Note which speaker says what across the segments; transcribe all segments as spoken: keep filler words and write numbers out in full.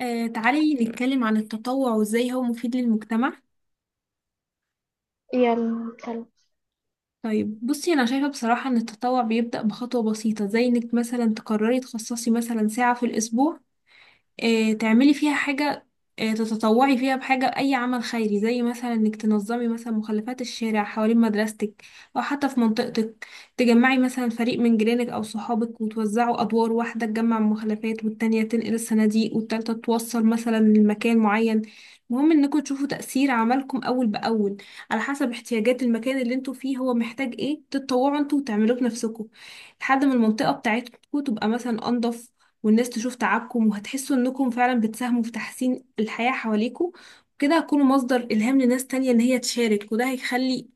Speaker 1: آه، تعالي نتكلم عن التطوع وازاي هو مفيد للمجتمع.
Speaker 2: يا الكلب.
Speaker 1: طيب بصي، انا شايفة بصراحة ان التطوع بيبدأ بخطوة بسيطة، زي انك مثلا تقرري تخصصي مثلا ساعة في الاسبوع، آه، تعملي فيها حاجة، آه، تتطوعي فيها بحاجة، أي عمل خيري، زي مثلا إنك تنظمي مثلا مخلفات الشارع حوالين مدرستك أو حتى في منطقتك. تجمعي مثلا فريق من جيرانك أو صحابك وتوزعوا أدوار، واحدة تجمع المخلفات والتانية تنقل الصناديق والتالتة توصل مثلا لمكان معين. المهم انكم تشوفوا تأثير عملكم أول بأول، على حسب احتياجات المكان اللي انتوا فيه، هو محتاج ايه تتطوعوا انتوا وتعملوه بنفسكم، لحد ما المنطقة بتاعتكم تبقى مثلا أنضف والناس تشوف تعبكم، وهتحسوا انكم فعلا بتساهموا في تحسين الحياة حواليكم. وكده هتكونوا مصدر إلهام لناس تانية ان هي تشارك، وده هيخلي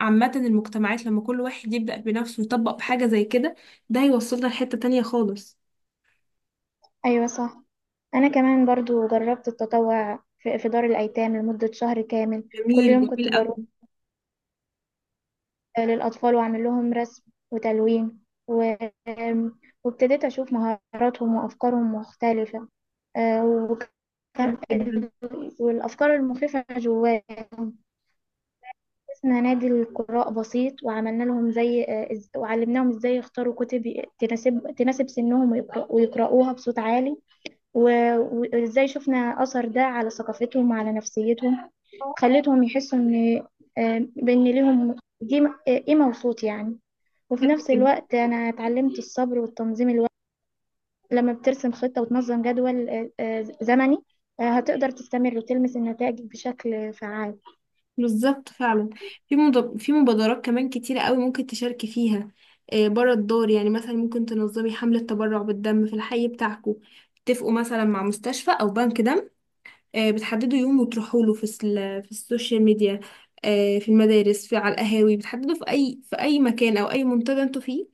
Speaker 1: عامة المجتمعات، لما كل واحد يبدأ بنفسه ويطبق بحاجة زي كده، ده هيوصلنا لحتة تانية خالص.
Speaker 2: أيوة، صح. أنا كمان برضو جربت التطوع في في دار الأيتام لمدة شهر كامل، كل
Speaker 1: جميل
Speaker 2: يوم كنت
Speaker 1: جميل أوي.
Speaker 2: بروح للأطفال وأعمل لهم رسم وتلوين و... وابتديت أشوف مهاراتهم وأفكارهم مختلفة، آه، وكان
Speaker 1: حلو جدا.
Speaker 2: والأفكار المخيفة جواهم. اسمنا نادي القراء بسيط، وعملنا لهم زي آه، إز- وعلمناهم إزاي يختاروا كتب ي- تناسب تناسب سنهم، ويقرأ- ويقرأوها بصوت عالي، و- وإزاي شفنا أثر ده على ثقافتهم وعلى نفسيتهم. خلتهم يحسوا إن آه، بإن ليهم دي آه، قيمة وصوت يعني. وفي
Speaker 1: حلو
Speaker 2: نفس
Speaker 1: جدا.
Speaker 2: الوقت أنا اتعلمت الصبر والتنظيم الوقت، لما بترسم خطة وتنظم جدول آه، آه، زمني، آه، هتقدر تستمر وتلمس النتائج بشكل فعال.
Speaker 1: بالظبط فعلا. في مض- في مبادرات كمان كتيرة قوي ممكن تشاركي فيها، آه، بره الدار يعني. مثلا ممكن تنظمي حملة تبرع بالدم في الحي بتاعكم، تتفقوا مثلا مع مستشفى أو بنك دم، آه، بتحددوا يوم وتروحوا له. في السل- في السوشيال ميديا، آه، في المدارس، في على القهاوي، بتحددوا في اي في اي مكان او اي منتدى انتوا فيه،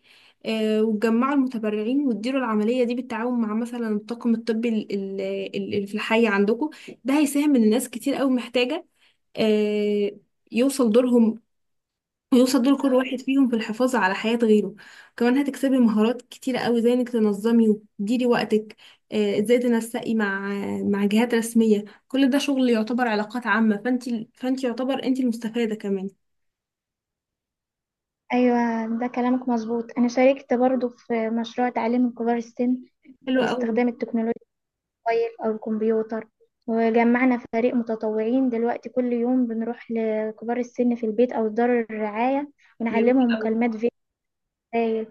Speaker 1: آه، وتجمعوا المتبرعين وتديروا العملية دي بالتعاون مع مثلا الطاقم الطبي ال- ال- ال- اللي في الحي عندكم. ده هيساهم ان ناس كتير قوي محتاجة، آه، يوصل دورهم، ويوصل دور كل واحد فيهم في الحفاظ على حياة غيره. كمان هتكسبي مهارات كتيرة قوي، زي انك تنظمي وتديري وقتك، آه، ازاي تنسقي مع مع جهات رسمية. كل ده شغل يعتبر علاقات عامة، فانت فانت يعتبر انت المستفادة كمان.
Speaker 2: أيوة، ده كلامك مظبوط. أنا شاركت برضو في مشروع تعليم كبار السن
Speaker 1: حلو قوي.
Speaker 2: باستخدام التكنولوجيا، الموبايل أو الكمبيوتر. وجمعنا فريق متطوعين دلوقتي، كل يوم بنروح لكبار السن في البيت أو دار الرعاية،
Speaker 1: جميل
Speaker 2: ونعلمهم
Speaker 1: قوي.
Speaker 2: مكالمات فيديو، رسائل،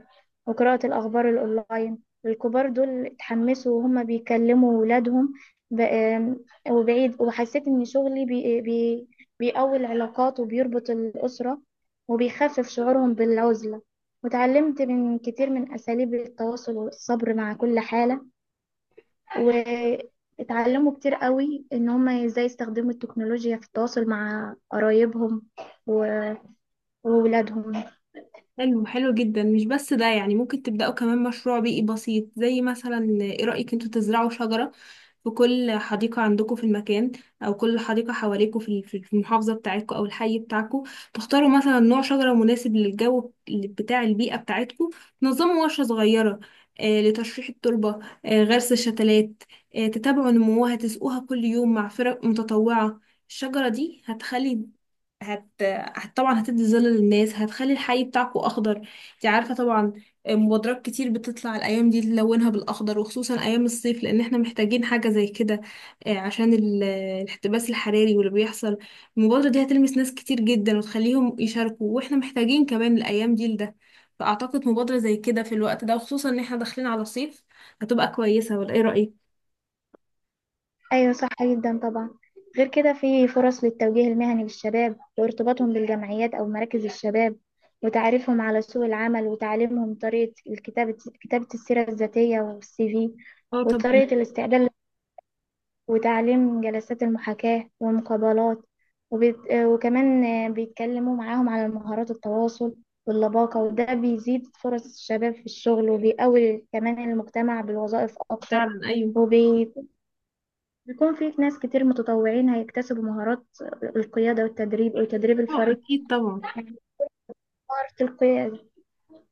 Speaker 2: وقراءة الأخبار الأونلاين. الكبار دول اتحمسوا وهم بيكلموا ولادهم ب- آم، وبعيد، وحسيت إن شغلي بي بي بيقوي العلاقات وبيربط الأسرة وبيخفف شعورهم بالعزلة. وتعلمت من كتير من أساليب التواصل والصبر مع كل حالة، واتعلموا كتير قوي ان هم ازاي يستخدموا التكنولوجيا في التواصل مع قرايبهم و- وولادهم.
Speaker 1: حلو حلو جدا. مش بس ده يعني، ممكن تبدأوا كمان مشروع بيئي بسيط، زي مثلا ايه رأيك انتوا تزرعوا شجرة في كل حديقة عندكم في المكان، أو كل حديقة حواليكم في ال- في المحافظة بتاعتكم أو الحي بتاعكم. تختاروا مثلا نوع شجرة مناسب للجو بتاع البيئة بتاعتكم، تنظموا ورشة صغيرة آه، لتشريح التربة، آه، غرس الشتلات، آه، تتابعوا نموها، تسقوها كل يوم مع فرق متطوعة. الشجرة دي هتخلي، هت... هت طبعا هتدي ظل للناس، هتخلي الحي بتاعكو اخضر. انت عارفه طبعا، مبادرات كتير بتطلع الايام دي تلونها بالاخضر، وخصوصا ايام الصيف، لان احنا محتاجين حاجه زي كده، آه، عشان ال- الاحتباس الحراري واللي بيحصل. المبادره دي هتلمس ناس كتير جدا وتخليهم يشاركوا، واحنا محتاجين كمان الايام دي لده. فاعتقد مبادره زي كده في الوقت ده، وخصوصا ان احنا داخلين على الصيف، هتبقى كويسه، ولا ايه رايك؟
Speaker 2: ايوه، صح جدا طبعا. غير كده في فرص للتوجيه المهني للشباب وارتباطهم بالجمعيات او مراكز الشباب، وتعريفهم على سوق العمل، وتعليمهم طريقة الكتابة، كتابة السيرة الذاتية والسي في،
Speaker 1: اه طبعا.
Speaker 2: وطريقة الاستعداد، وتعليم جلسات المحاكاة والمقابلات، وبيت... وكمان بيتكلموا معاهم على مهارات التواصل واللباقة. وده بيزيد فرص الشباب في الشغل وبيقوي كمان المجتمع بالوظائف أكتر،
Speaker 1: فعلا ايوه.
Speaker 2: وبيكون في ناس كتير متطوعين هيكتسبوا مهارات القيادة والتدريب وتدريب
Speaker 1: اه
Speaker 2: الفريق،
Speaker 1: اكيد طبعا.
Speaker 2: يعني مهارة القيادة.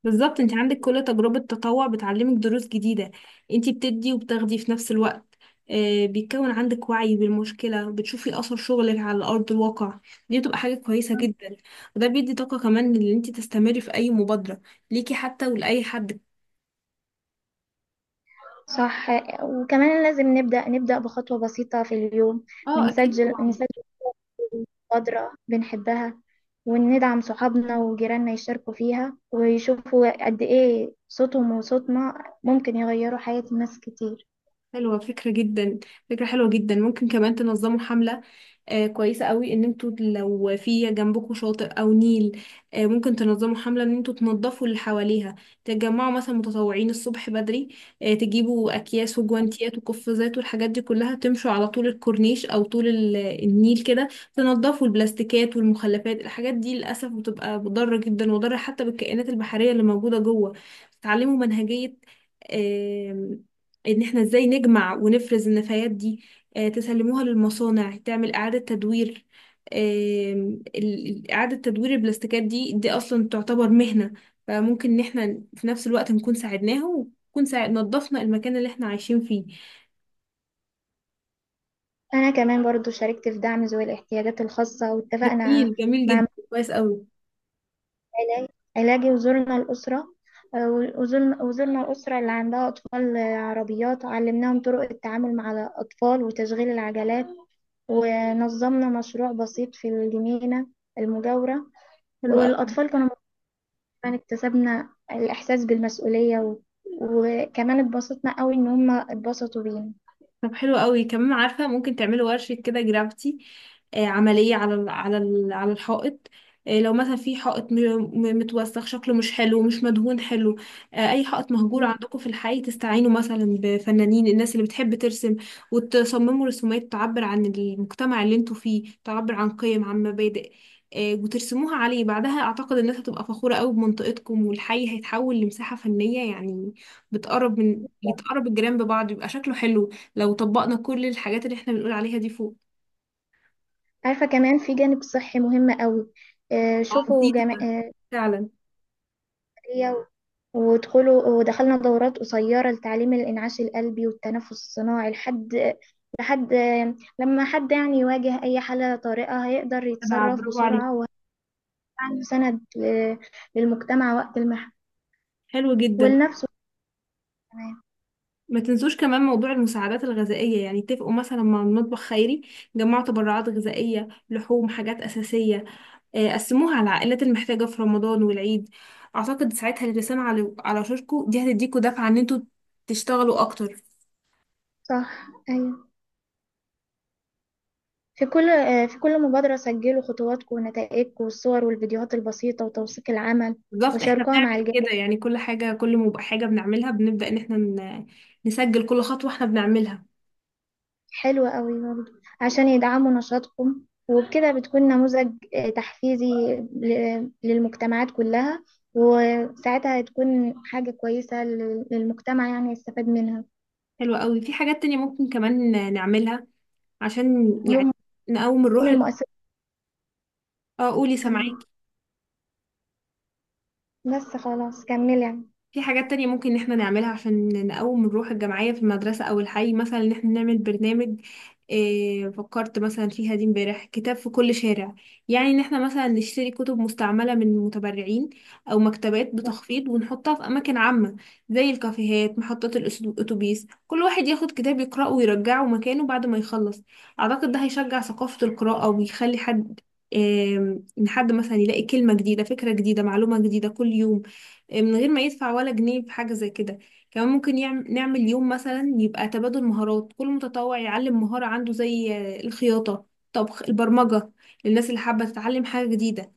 Speaker 1: بالظبط، انت عندك كل تجربة تطوع بتعلمك دروس جديدة. انت بتدي وبتاخدي في نفس الوقت، آه، بيتكون عندك وعي بالمشكلة، بتشوفي أثر شغلك على أرض الواقع. دي بتبقى حاجة كويسة جدا، وده بيدي طاقة كمان ان انت تستمري في أي مبادرة ليكي حتى، ولأي حد.
Speaker 2: صح. وكمان لازم نبدأ نبدأ بخطوة بسيطة في اليوم،
Speaker 1: اه أكيد
Speaker 2: بنسجل
Speaker 1: طبعا.
Speaker 2: مبادرة بنحبها وندعم صحابنا وجيراننا يشاركوا فيها، ويشوفوا قد إيه صوتهم وصوتنا ممكن يغيروا حياة ناس كتير.
Speaker 1: حلوة فكرة جدا. فكرة حلوة جدا. ممكن كمان تنظموا حملة آه، كويسة قوي، ان انتوا لو في جنبكم شاطئ او نيل، آه، ممكن تنظموا حملة ان انتوا تنظفوا اللي حواليها. تتجمعوا مثلا متطوعين الصبح بدري، آه، تجيبوا اكياس وجوانتيات وقفازات والحاجات دي كلها، تمشوا على طول الكورنيش او طول ال- النيل كده، تنظفوا البلاستيكات والمخلفات. الحاجات دي للاسف بتبقى مضرة جدا، مضرة حتى بالكائنات البحرية اللي موجودة جوه. تتعلموا منهجية آم، ان احنا ازاي نجمع ونفرز النفايات دي، آه، تسلموها للمصانع تعمل إعادة تدوير. آم، ال- إعادة تدوير البلاستيكات دي دي أصلا تعتبر مهنة. فممكن إن احنا في نفس الوقت نكون ساعدناها، ونكون ساعد نظفنا المكان اللي احنا عايشين فيه.
Speaker 2: أنا كمان برضو شاركت في دعم ذوي الاحتياجات الخاصة، واتفقنا
Speaker 1: جميل جميل
Speaker 2: مع
Speaker 1: جدا،
Speaker 2: مجلس
Speaker 1: كويس أوي.
Speaker 2: علاج- علاجي، وزرنا الأسرة. آه، وزرنا وزرنا الأسرة اللي عندها أطفال، آه، عربيات، علمناهم طرق التعامل مع الأطفال وتشغيل العجلات، ونظمنا مشروع بسيط في الجنينة المجاورة.
Speaker 1: حلو أوي.
Speaker 2: والأطفال كانوا فعلا، اكتسبنا الإحساس بالمسؤولية و... وكمان اتبسطنا قوي إن هما اتبسطوا بينا.
Speaker 1: طب حلو قوي. كمان عارفة، ممكن تعملوا ورشة كده جرافيتي، آه، عملية على ال على ال على الحائط. آه، لو مثلا في حائط م- م- متوسخ، شكله مش حلو، مش مدهون حلو، آه، أي حائط مهجور
Speaker 2: مم.
Speaker 1: عندكم في الحي، تستعينوا مثلا بفنانين، الناس اللي بتحب ترسم، وتصمموا رسومات تعبر عن المجتمع اللي انتوا فيه، تعبر عن قيم، عن مبادئ، آه، وترسموها عليه. بعدها أعتقد الناس هتبقى فخورة قوي بمنطقتكم، والحي هيتحول لمساحة فنية يعني، بتقرب من، يتقرب الجيران ببعض، يبقى شكله حلو، لو طبقنا كل الحاجات اللي احنا بنقول عليها دي فوق.
Speaker 2: عارفة كمان في جانب صحي مهم قوي. آه،
Speaker 1: اه
Speaker 2: شوفوا
Speaker 1: بسيطة ده.
Speaker 2: جمعية،
Speaker 1: فعلا.
Speaker 2: ودخلوا ودخلنا دورات قصيرة لتعليم الإنعاش القلبي والتنفس الصناعي، لحد لحد آه، لما حد يعني يواجه أي حالة طارئة هيقدر
Speaker 1: تبع
Speaker 2: يتصرف
Speaker 1: برافو عليك.
Speaker 2: بسرعة، وعنده سند ل- للمجتمع وقت المحن،
Speaker 1: حلو جدا.
Speaker 2: ولنفسه كمان.
Speaker 1: ما تنسوش كمان موضوع المساعدات الغذائية. يعني اتفقوا مثلا مع المطبخ خيري، جمعوا تبرعات غذائية، لحوم، حاجات أساسية، آه، قسموها على العائلات المحتاجة في رمضان والعيد. أعتقد ساعتها الرسالة على على شاركو دي هتديكوا دفعة إن انتوا تشتغلوا أكتر.
Speaker 2: صح، أيوة. في كل آه، في كل مبادرة سجلوا خطواتكم ونتائجكم والصور والفيديوهات البسيطة وتوثيق العمل،
Speaker 1: بالظبط، احنا
Speaker 2: وشاركوها مع
Speaker 1: بنعمل
Speaker 2: الجميع.
Speaker 1: كده يعني. كل حاجة، كل ما بقى حاجة بنعملها، بنبدأ إن احنا ن- نسجل كل خطوة احنا بنعملها.
Speaker 2: حلوة قوي برضه، عشان يدعموا نشاطكم. وبكده بتكون نموذج آه، تحفيزي ل- للمجتمعات كلها، وساعتها هتكون حاجة كويسة لل- للمجتمع يعني يستفاد منها،
Speaker 1: حلوة قوي. في حاجات تانية ممكن كمان نعملها عشان
Speaker 2: يوم
Speaker 1: يعني
Speaker 2: ما
Speaker 1: نقوم
Speaker 2: تكون
Speaker 1: الروح ال-
Speaker 2: المؤسسة
Speaker 1: اه قولي
Speaker 2: كاملة.
Speaker 1: سامعاكي.
Speaker 2: بس خلاص، كمل يعني.
Speaker 1: في حاجات تانية ممكن ان احنا نعملها عشان نقوم الروح الجماعية في المدرسة او الحي، مثلا ان احنا نعمل برنامج، إيه فكرت مثلا فيها دي امبارح، كتاب في كل شارع. يعني ان احنا مثلا نشتري كتب مستعملة من متبرعين او مكتبات بتخفيض، ونحطها في اماكن عامة، زي الكافيهات، محطات الأس- الاتوبيس. كل واحد ياخد كتاب يقرأه ويرجعه مكانه بعد ما يخلص. اعتقد ده هيشجع ثقافة القراءة، ويخلي حد، إيه، ان حد مثلا يلاقي كلمة جديدة، فكرة جديدة، معلومة جديدة كل يوم، آه، من غير ما يدفع ولا جنيه في حاجة زي كده. كمان ممكن يعم- نعمل يوم مثلا يبقى تبادل مهارات، كل متطوع يعلم مهارة عنده، زي آه، الخياطة، طبخ، البرمجة، للناس اللي حابة تتعلم حاجة جديدة.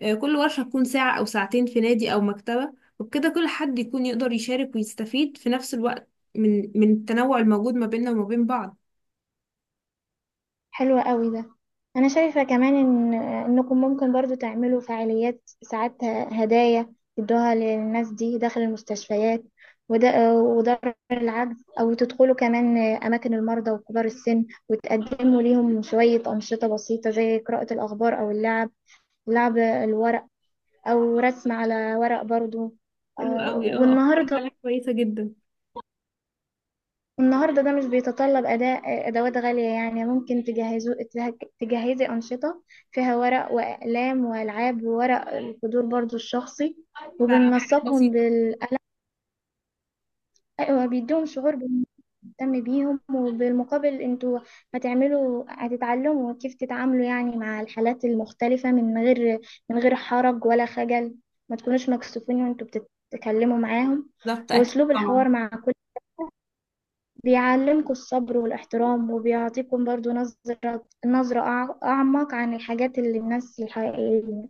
Speaker 1: آه، كل ورشة تكون ساعة أو ساعتين في نادي أو مكتبة، وبكده كل حد يكون يقدر يشارك ويستفيد في نفس الوقت، من من التنوع الموجود ما بيننا وما بين بعض.
Speaker 2: حلو قوي ده. انا شايفة كمان ان انكم ممكن برضو تعملوا فعاليات ساعات، هدايا تدوها للناس دي داخل المستشفيات وده ودار العجز، او تدخلوا كمان اماكن المرضى وكبار السن وتقدموا ليهم شوية انشطة بسيطة زي قراءة الاخبار او اللعب، لعب الورق او رسم على ورق برضو.
Speaker 1: حلو
Speaker 2: آه،
Speaker 1: قوي. اه أفكار
Speaker 2: والنهاردة
Speaker 1: فعلا كويسة جدا.
Speaker 2: النهارده ده مش بيتطلب أداء أدوات غالية، يعني ممكن تجهزوا تجه- تجهزي أنشطة فيها ورق وأقلام وألعاب وورق القدور برضو الشخصي،
Speaker 1: فحاجات
Speaker 2: وبننسقهم
Speaker 1: بسيطة.
Speaker 2: بالقلم، وبيديهم شعور بنهتم بيهم. وبالمقابل انتوا هتعملوا هتتعلموا كيف تتعاملوا يعني مع الحالات المختلفة، من غير من غير حرج ولا خجل. ما تكونوش مكسوفين وانتوا بتتكلموا معاهم.
Speaker 1: بالظبط أكيد
Speaker 2: وأسلوب
Speaker 1: طبعا.
Speaker 2: الحوار مع كل بيعلمكم الصبر والاحترام، وبيعطيكم برضو نظرة نظرة أع- أعمق عن الحاجات اللي الناس الحقيقية.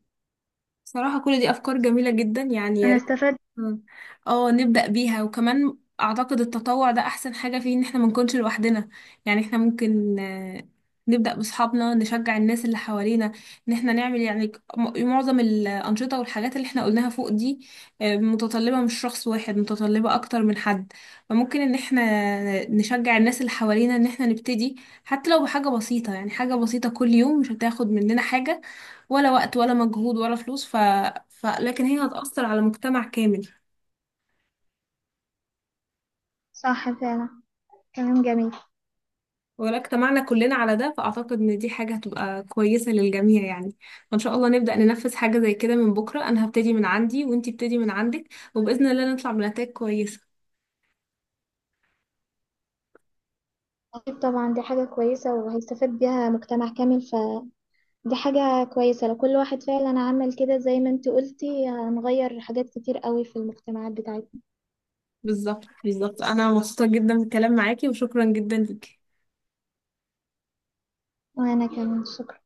Speaker 1: بصراحة كل دي أفكار جميلة جدا يعني، يا
Speaker 2: أنا
Speaker 1: ريت.
Speaker 2: استفدت.
Speaker 1: مم. اه نبدأ بيها. وكمان اعتقد التطوع ده احسن حاجة فيه ان احنا ما نكونش لوحدنا. يعني احنا ممكن آه، نبدأ باصحابنا، نشجع الناس اللي حوالينا ان احنا نعمل يعني، ك- م- معظم الأنشطة والحاجات اللي احنا قلناها فوق دي آه، متطلبة مش شخص واحد، متطلبة اكتر من حد. فممكن ان احنا نشجع الناس اللي حوالينا ان احنا نبتدي، حتى لو بحاجة بسيطة. يعني حاجة بسيطة كل يوم مش هتاخد مننا حاجة، ولا وقت ولا مجهود ولا فلوس، ف... ف... لكن هي هتأثر على مجتمع كامل.
Speaker 2: صح فعلا، كلام جميل.
Speaker 1: ولا اجتمعنا كلنا على ده، فأعتقد إن دي حاجة هتبقى كويسة للجميع يعني. فإن شاء الله نبدأ ننفذ حاجة زي كده من بكرة، أنا هبتدي من عندي وإنتي ابتدي من عندك، وبإذن الله نطلع بنتائج كويسة.
Speaker 2: أكيد طبعا دي حاجة كويسة وهيستفاد بيها مجتمع كامل، فدي حاجة كويسة لو كل واحد فعلا عمل كده زي ما انت قلتي، هنغير حاجات كتير قوي في المجتمعات بتاعتنا.
Speaker 1: بالظبط بالظبط. أنا مبسوطة جدا بالكلام معاكي، وشكرا جدا ليكي.
Speaker 2: وأنا كمان شكرا.